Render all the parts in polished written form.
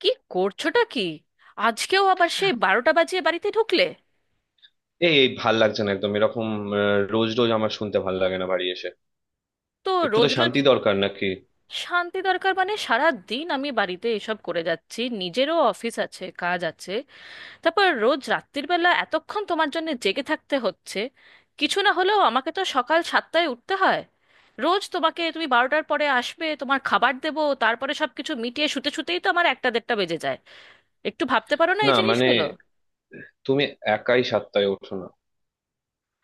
কি করছোটা কি? আজকেও আবার সেই বারোটা বাজিয়ে বাড়িতে ঢুকলে? এই এই ভাল লাগছে না একদম এরকম। আহ, রোজ রোজ আমার শুনতে ভাল লাগে না বাড়ি এসে। তো একটু তো রোজ রোজ? শান্তি দরকার নাকি? শান্তি দরকার মানে সারা দিন আমি বাড়িতে এসব করে যাচ্ছি, নিজেরও অফিস আছে, কাজ আছে। তারপর রোজ রাত্রির বেলা এতক্ষণ তোমার জন্য জেগে থাকতে হচ্ছে। কিছু না হলেও আমাকে তো সকাল 7টায় উঠতে হয়। রোজ তোমাকে, তুমি 12টার পরে আসবে, তোমার খাবার দেবো, তারপরে সবকিছু মিটিয়ে শুতে শুতেই তো আমার একটা দেড়টা বেজে যায়। একটু ভাবতে পারো না না এই মানে, জিনিসগুলো? তুমি একাই 7টায় ওঠো না,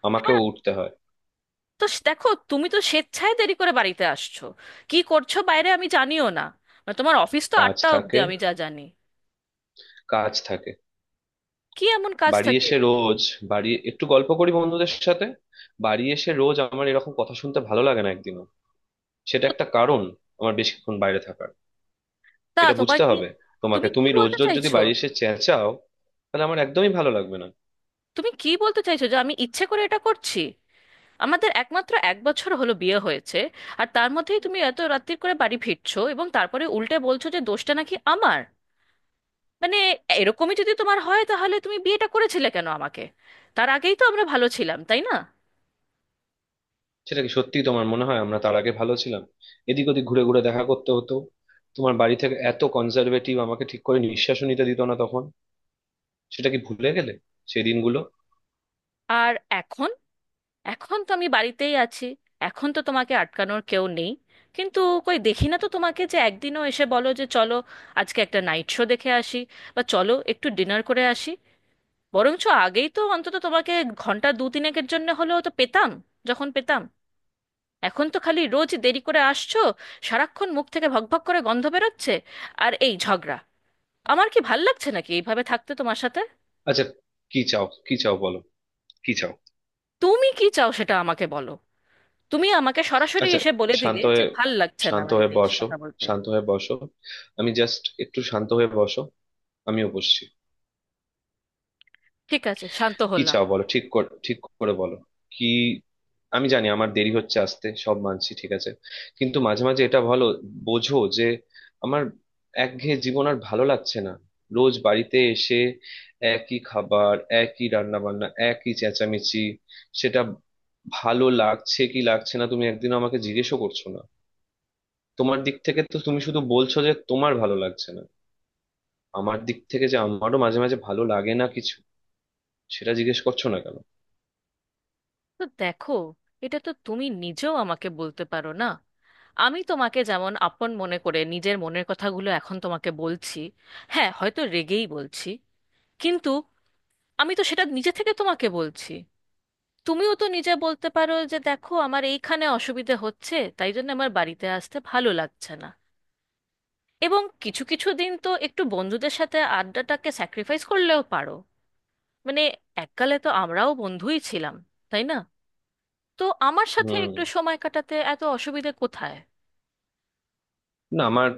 আমাকেও হ্যাঁ, উঠতে হয়। তো দেখো, তুমি তো স্বেচ্ছায় দেরি করে বাড়িতে আসছো। কি করছো বাইরে আমি জানিও না। মানে তোমার অফিস তো কাজ 8টা অবধি থাকে, আমি যা জানি। কাজ থাকে। কি এমন কাজ বাড়ি থাকে? এসে রোজ বাড়ি একটু গল্প করি বন্ধুদের সাথে। বাড়ি এসে রোজ আমার এরকম কথা শুনতে ভালো লাগে না একদিনও। সেটা একটা কারণ আমার বেশিক্ষণ বাইরে থাকার। তা এটা তোমার বুঝতে কি? হবে তোমাকে, তুমি কি তুমি রোজ বলতে রোজ যদি চাইছো? বাড়ি এসে চেঁচাও তাহলে আমার একদমই ভালো লাগবে না। তুমি কি বলতে চাইছো যে আমি ইচ্ছে করে এটা করছি? আমাদের একমাত্র 1 বছর হলো বিয়ে হয়েছে, আর তার মধ্যেই তুমি এত রাত্তির করে বাড়ি ফিরছো, এবং তারপরে উল্টে বলছো যে দোষটা নাকি আমার। মানে এরকমই যদি তোমার হয় তাহলে তুমি বিয়েটা করেছিলে কেন আমাকে? তার আগেই তো আমরা ভালো ছিলাম, তাই না? সেটা কি সত্যি তোমার মনে হয় আমরা তার আগে ভালো ছিলাম? এদিক ওদিক ঘুরে ঘুরে দেখা করতে হতো, তোমার বাড়ি থেকে এত কনজারভেটিভ আমাকে ঠিক করে নিঃশ্বাসও নিতে দিত না তখন। সেটা কি ভুলে গেলে সেই দিনগুলো? আর এখন, এখন তো আমি বাড়িতেই আছি। এখন তো তোমাকে আটকানোর কেউ নেই। কিন্তু কই দেখি না তো তোমাকে যে একদিনও এসে বলো যে চলো, আজকে একটা নাইট শো দেখে আসি, বা চলো একটু ডিনার করে আসি। বরঞ্চ আগেই তো অন্তত তোমাকে ঘন্টা দু তিনেকের জন্য হলেও তো পেতাম, যখন পেতাম। এখন তো খালি রোজ দেরি করে আসছো, সারাক্ষণ মুখ থেকে ভকভক করে গন্ধ বেরোচ্ছে, আর এই ঝগড়া। আমার কি ভাল লাগছে নাকি এইভাবে থাকতে তোমার সাথে? আচ্ছা, কি চাও? কি চাও বলো? কি চাও? তুমি কি চাও সেটা আমাকে বলো। তুমি আমাকে সরাসরি আচ্ছা, এসে বলে দিলে শান্ত যে হয়ে, ভাল লাগছে না শান্ত হয়ে বাড়িতে এসে বসো, কথা বলতে। শান্ত হয়ে বসো, আমি জাস্ট একটু শান্ত হয়ে বসো, আমিও বসছি। ঠিক আছে, শান্ত কি হলাম। চাও বলো, ঠিক করে ঠিক করে বলো। কি, আমি জানি আমার দেরি হচ্ছে আসতে, সব মানছি, ঠিক আছে। কিন্তু মাঝে মাঝে এটা ভালো, বোঝো যে আমার একঘেয়ে জীবন আর ভালো লাগছে না। রোজ বাড়িতে এসে একই খাবার, একই রান্না বান্না, একই চেঁচামেচি, সেটা ভালো লাগছে কি লাগছে না তুমি একদিন আমাকে জিজ্ঞেসও করছো না। তোমার দিক থেকে তো তুমি শুধু বলছো যে তোমার ভালো লাগছে না, আমার দিক থেকে যে আমারও মাঝে মাঝে ভালো লাগে না কিছু, সেটা জিজ্ঞেস করছো না কেন? তো দেখো, এটা তো তুমি নিজেও আমাকে বলতে পারো না। আমি তোমাকে যেমন আপন মনে করে নিজের মনের কথাগুলো এখন তোমাকে বলছি, হ্যাঁ হয়তো রেগেই বলছি, কিন্তু আমি তো সেটা নিজে থেকে তোমাকে বলছি। তুমিও তো নিজে বলতে পারো যে দেখো আমার এইখানে অসুবিধে হচ্ছে, তাই জন্য আমার বাড়িতে আসতে ভালো লাগছে না। এবং কিছু কিছু দিন তো একটু বন্ধুদের সাথে আড্ডাটাকে স্যাক্রিফাইস করলেও পারো। মানে এককালে তো আমরাও বন্ধুই ছিলাম, তাই না? তো আমার সাথে হুম। একটু সময় কাটাতে এত অসুবিধে কোথায়? না আমার,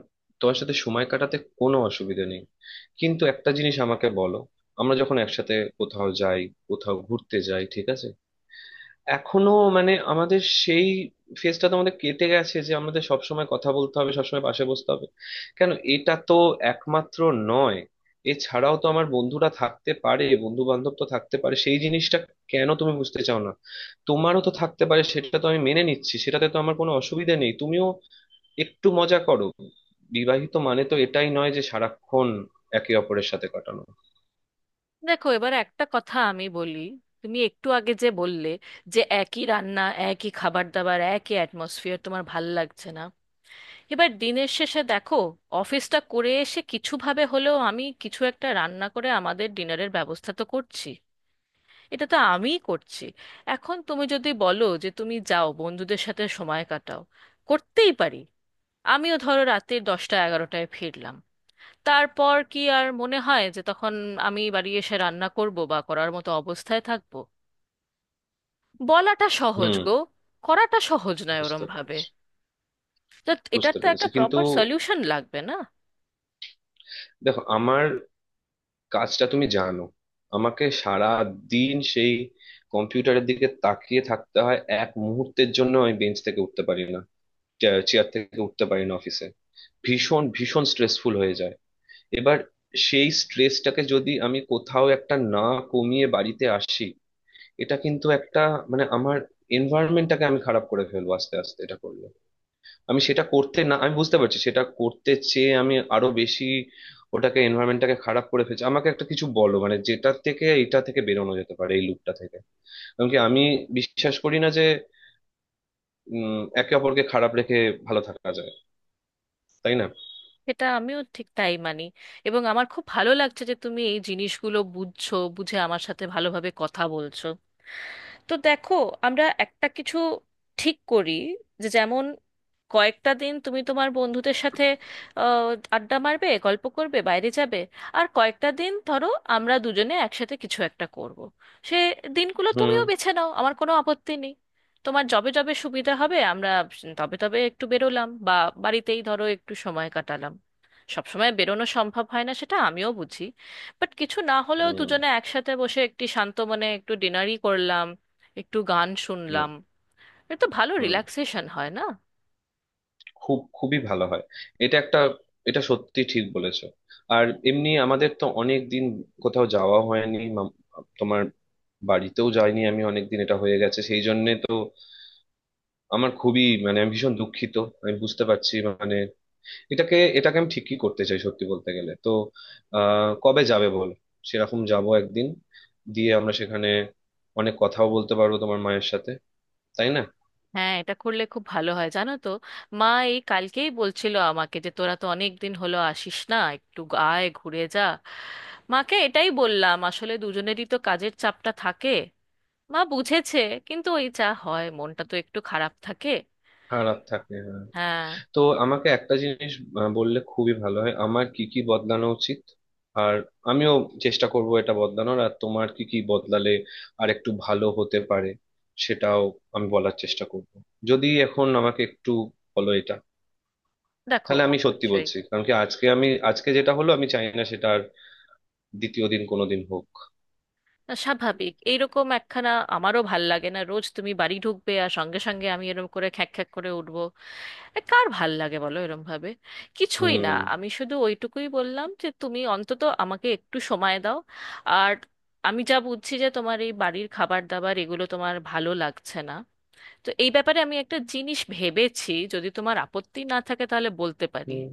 তোমার সাথে সময় কাটাতে কোনো অসুবিধা নেই। কিন্তু একটা জিনিস আমাকে বলো, আমরা যখন একসাথে কোথাও যাই, কোথাও ঘুরতে যাই, ঠিক আছে, এখনো মানে আমাদের সেই ফেজটা তো আমাদের কেটে গেছে যে আমাদের সবসময় কথা বলতে হবে, সবসময় পাশে বসতে হবে। কেন এটা তো একমাত্র নয়, এছাড়াও তো আমার বন্ধুরা থাকতে পারে, বন্ধু বান্ধব তো থাকতে পারে, সেই জিনিসটা কেন তুমি বুঝতে চাও না? তোমারও তো থাকতে পারে, সেটা তো আমি মেনে নিচ্ছি, সেটাতে তো আমার কোনো অসুবিধা নেই, তুমিও একটু মজা করো। বিবাহিত মানে তো এটাই নয় যে সারাক্ষণ একে অপরের সাথে কাটানো। দেখো, এবার একটা কথা আমি বলি। তুমি একটু আগে যে বললে যে একই রান্না, একই খাবার দাবার, একই অ্যাটমসফিয়ার তোমার ভাল লাগছে না। এবার দিনের শেষে দেখো, অফিসটা করে এসে কিছু ভাবে হলেও আমি কিছু একটা রান্না করে আমাদের ডিনারের ব্যবস্থা তো করছি। এটা তো আমিই করছি। এখন তুমি যদি বলো যে তুমি যাও বন্ধুদের সাথে সময় কাটাও, করতেই পারি। আমিও ধরো রাতের 10টা 11টায় ফিরলাম, তারপর কি আর মনে হয় যে তখন আমি বাড়ি এসে রান্না করব বা করার মতো অবস্থায় থাকব? বলাটা সহজ হুম, গো, করাটা সহজ নয় ওরম বুঝতে ভাবে। পেরেছি। তো এটার বুঝতে তো একটা পেরেছি কিন্তু, প্রপার সলিউশন লাগবে না? দেখো আমার কাজটা তুমি জানো, আমাকে সারা দিন সেই কম্পিউটারের দিকে তাকিয়ে থাকতে হয়, এক মুহূর্তের জন্য আমি বেঞ্চ থেকে উঠতে পারি না, চেয়ার থেকে উঠতে পারি না অফিসে। ভীষণ ভীষণ স্ট্রেসফুল হয়ে যায়। এবার সেই স্ট্রেসটাকে যদি আমি কোথাও একটা না কমিয়ে বাড়িতে আসি, এটা কিন্তু একটা মানে আমার এনভায়রনমেন্টটাকে আমি খারাপ করে ফেলবো আস্তে আস্তে এটা করলে। আমি সেটা করতে, না আমি বুঝতে পারছি সেটা করতে চেয়ে আমি আরো বেশি ওটাকে এনভায়রনমেন্টটাকে খারাপ করে ফেলছি। আমাকে একটা কিছু বলো মানে যেটা থেকে এটা থেকে বেরোনো যেতে পারে, এই লুপটা থেকে। কারণ কি আমি বিশ্বাস করি না যে একে অপরকে খারাপ রেখে ভালো থাকা যায়। তাই না? এটা আমিও ঠিক তাই মানি, এবং আমার খুব ভালো লাগছে যে তুমি এই জিনিসগুলো বুঝছো, বুঝে আমার সাথে ভালোভাবে কথা বলছো। তো দেখো, আমরা একটা কিছু ঠিক করি, যে যেমন কয়েকটা দিন তুমি তোমার বন্ধুদের সাথে আহ, আড্ডা মারবে, গল্প করবে, বাইরে যাবে। আর কয়েকটা দিন ধরো আমরা দুজনে একসাথে কিছু একটা করব। সে দিনগুলো হুম। তুমিও বেছে নাও, আমার কোনো আপত্তি নেই। তোমার যবে যবে সুবিধা হবে আমরা তবে তবে একটু বেরোলাম, বা বাড়িতেই ধরো একটু সময় কাটালাম। সবসময় বেরোনো সম্ভব হয় না সেটা আমিও বুঝি। বাট কিছু না হলেও হুম। দুজনে একসাথে বসে একটি শান্ত মনে একটু ডিনারই করলাম, একটু গান হুম। শুনলাম। এটা তো ভালো হুম, রিল্যাক্সেশন হয় না? খুব খুবই ভালো হয়। এটা একটা, এটা সত্যি ঠিক বলেছো। আর এমনি আমাদের তো অনেক দিন কোথাও যাওয়া হয়নি, তোমার বাড়িতেও যাইনি আমি অনেকদিন, এটা হয়ে গেছে সেই জন্য তো আমার খুবই মানে আমি ভীষণ দুঃখিত। আমি বুঝতে পারছি মানে, এটাকে এটাকে আমি ঠিকই করতে চাই সত্যি বলতে গেলে তো। কবে যাবে বল, সেরকম যাব একদিন, দিয়ে আমরা সেখানে অনেক কথাও বলতে পারবো তোমার মায়ের সাথে। তাই না? হ্যাঁ, এটা করলে খুব ভালো হয় জানো তো। মা এই কালকেই বলছিল আমাকে যে তোরা তো অনেক দিন হলো আসিস না, একটু আয় ঘুরে যা। মাকে এটাই বললাম, আসলে দুজনেরই তো কাজের চাপটা থাকে। মা বুঝেছে, কিন্তু ওই যা হয়, মনটা তো একটু খারাপ থাকে। সারা রাত থাকে। হ্যাঁ। তো আমাকে একটা জিনিস বললে খুবই ভালো হয় আমার কি কি বদলানো উচিত। আর আমিও চেষ্টা করব এটা বদলানোর। আর তোমার কি কি বদলালে আর একটু ভালো হতে পারে, সেটাও আমি বলার চেষ্টা করব। যদি এখন আমাকে একটু বলো এটা, দেখো তাহলে আমি সত্যি অবশ্যই। বলছি কারণ কি আজকে, আমি আজকে যেটা হলো আমি চাই না সেটা আর দ্বিতীয় দিন কোনোদিন হোক। স্বাভাবিক এইরকম একখানা। আমারও ভাল লাগে না রোজ তুমি বাড়ি ঢুকবে আর সঙ্গে সঙ্গে আমি এরকম করে খ্যাঁক খ্যাঁক করে উঠবো। এ কার ভাল লাগে বলো এরম ভাবে? কিছুই না, হুম। আমি শুধু ওইটুকুই বললাম যে তুমি অন্তত আমাকে একটু সময় দাও। আর আমি যা বুঝছি যে তোমার এই বাড়ির খাবার দাবার এগুলো তোমার ভালো লাগছে না। তো এই ব্যাপারে আমি একটা জিনিস ভেবেছি, যদি তোমার আপত্তি না থাকে তাহলে বলতে পারি। হুম,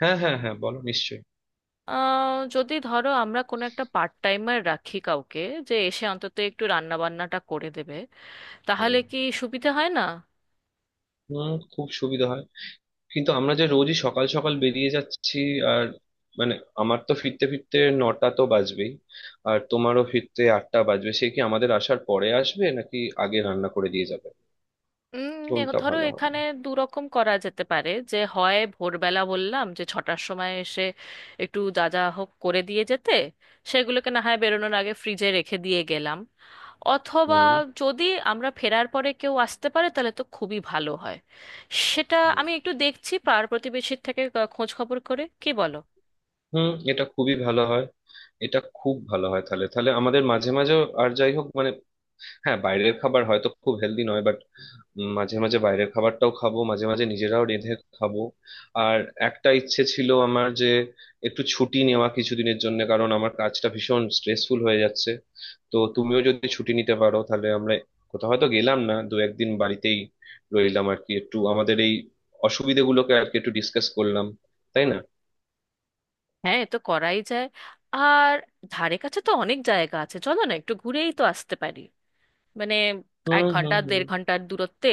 হ্যাঁ হ্যাঁ হ্যাঁ বলো নিশ্চয়ই। যদি ধরো আমরা কোনো একটা পার্ট টাইমার রাখি কাউকে, যে এসে অন্তত একটু রান্না বান্নাটা করে দেবে, হুম, তাহলে কি সুবিধা হয় না? হুম, খুব সুবিধা হয়। কিন্তু আমরা যে রোজই সকাল সকাল বেরিয়ে যাচ্ছি, আর মানে আমার তো ফিরতে ফিরতে 9টা তো বাজবেই, আর তোমারও ফিরতে 8টা বাজবে, সে কি আমাদের আসার পরে আসবে নাকি আগে রান্না করে দিয়ে যাবে? কোনটা ধরো ভালো হবে? এখানে দু রকম করা যেতে পারে, যে হয় ভোরবেলা বললাম যে 6টার সময় এসে একটু যা যা হোক করে দিয়ে যেতে, সেগুলোকে না হয় বেরোনোর আগে ফ্রিজে রেখে দিয়ে গেলাম। অথবা হুম। যদি আমরা ফেরার পরে কেউ আসতে পারে, তাহলে তো খুবই ভালো হয়। সেটা হুম, আমি একটু দেখছি পাড়া প্রতিবেশীর থেকে খোঁজ খবর করে, কি বলো? হুম, এটা খুবই ভালো হয়। এটা খুব ভালো হয় তাহলে, তাহলে আমাদের মাঝে মাঝে, আর যাই হোক মানে, হ্যাঁ বাইরের খাবার হয়তো খুব হেলদি নয় বাট মাঝে মাঝে বাইরের খাবারটাও খাবো, মাঝে মাঝে নিজেরাও রেঁধে খাবো। আর একটা ইচ্ছে ছিল আমার যে একটু ছুটি নেওয়া কিছুদিনের জন্য, কারণ আমার কাজটা ভীষণ স্ট্রেসফুল হয়ে যাচ্ছে। তো তুমিও যদি ছুটি নিতে পারো তাহলে আমরা কোথাও হয়তো গেলাম না, দু একদিন বাড়িতেই রইলাম আর কি, একটু আমাদের এই অসুবিধেগুলোকে আর কি একটু ডিসকাস করলাম। তাই না? হ্যাঁ, এ তো করাই যায়। আর ধারে কাছে তো অনেক জায়গা আছে, চলো না একটু ঘুরেই তো আসতে পারি। মানে এক হুম। ঘন্টা হুম। হুম। দেড় ঘন্টার দূরত্বে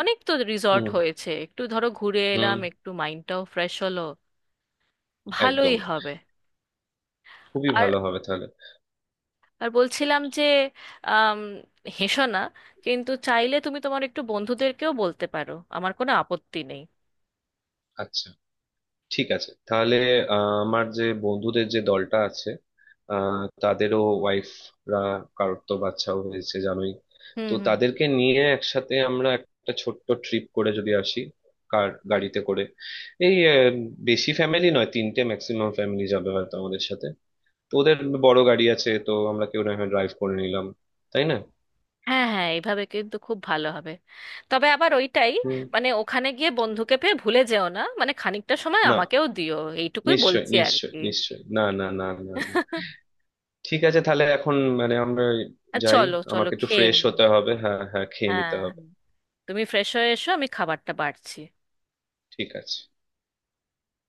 অনেক তো রিসর্ট হুম। হয়েছে, একটু ধরো ঘুরে হুম। এলাম, একটু মাইন্ডটাও ফ্রেশ হলো। ভালোই একদম, হবে। খুবই আর, ভালো হবে তাহলে। আর বলছিলাম যে আম, হেসো না কিন্তু, চাইলে তুমি তোমার একটু বন্ধুদেরকেও বলতে পারো, আমার কোনো আপত্তি নেই। আচ্ছা, ঠিক আছে তাহলে। আমার যে বন্ধুদের যে দলটা আছে, আহ, তাদেরও ওয়াইফরা, কারোর তো বাচ্চাও হয়েছে জানোই। হুম, তো হুম। তাদেরকে নিয়ে একসাথে আমরা একটা ছোট্ট ট্রিপ করে যদি আসি কার গাড়িতে করে, এই বেশি ফ্যামিলি নয়, তিনটে ম্যাক্সিমাম ফ্যামিলি যাবে হয়তো আমাদের সাথে। তো ওদের বড় গাড়ি আছে, তো আমরা কেউ না হয় ড্রাইভ করে নিলাম। তাই না? হ্যাঁ, হ্যাঁ, এইভাবে কিন্তু খুব ভালো হবে। তবে আবার ওইটাই, হুম। মানে ওখানে গিয়ে বন্ধুকে পেয়ে ভুলে যেও না, মানে খানিকটা সময় না, আমাকেও দিও। এইটুকুই নিশ্চয় বলছি আর নিশ্চয় কি। নিশ্চয়, না না না না না। ঠিক আছে তাহলে এখন মানে আমরা আর যাই, চলো চলো আমাকে একটু খেয়ে ফ্রেশ নিই। হতে হবে। হ্যাঁ হ্যাঁ, খেয়ে হ্যাঁ, নিতে হবে। হ্যাঁ। তুমি ফ্রেশ হয়ে এসো, আমি খাবারটা বাড়ছি। ঠিক আছে।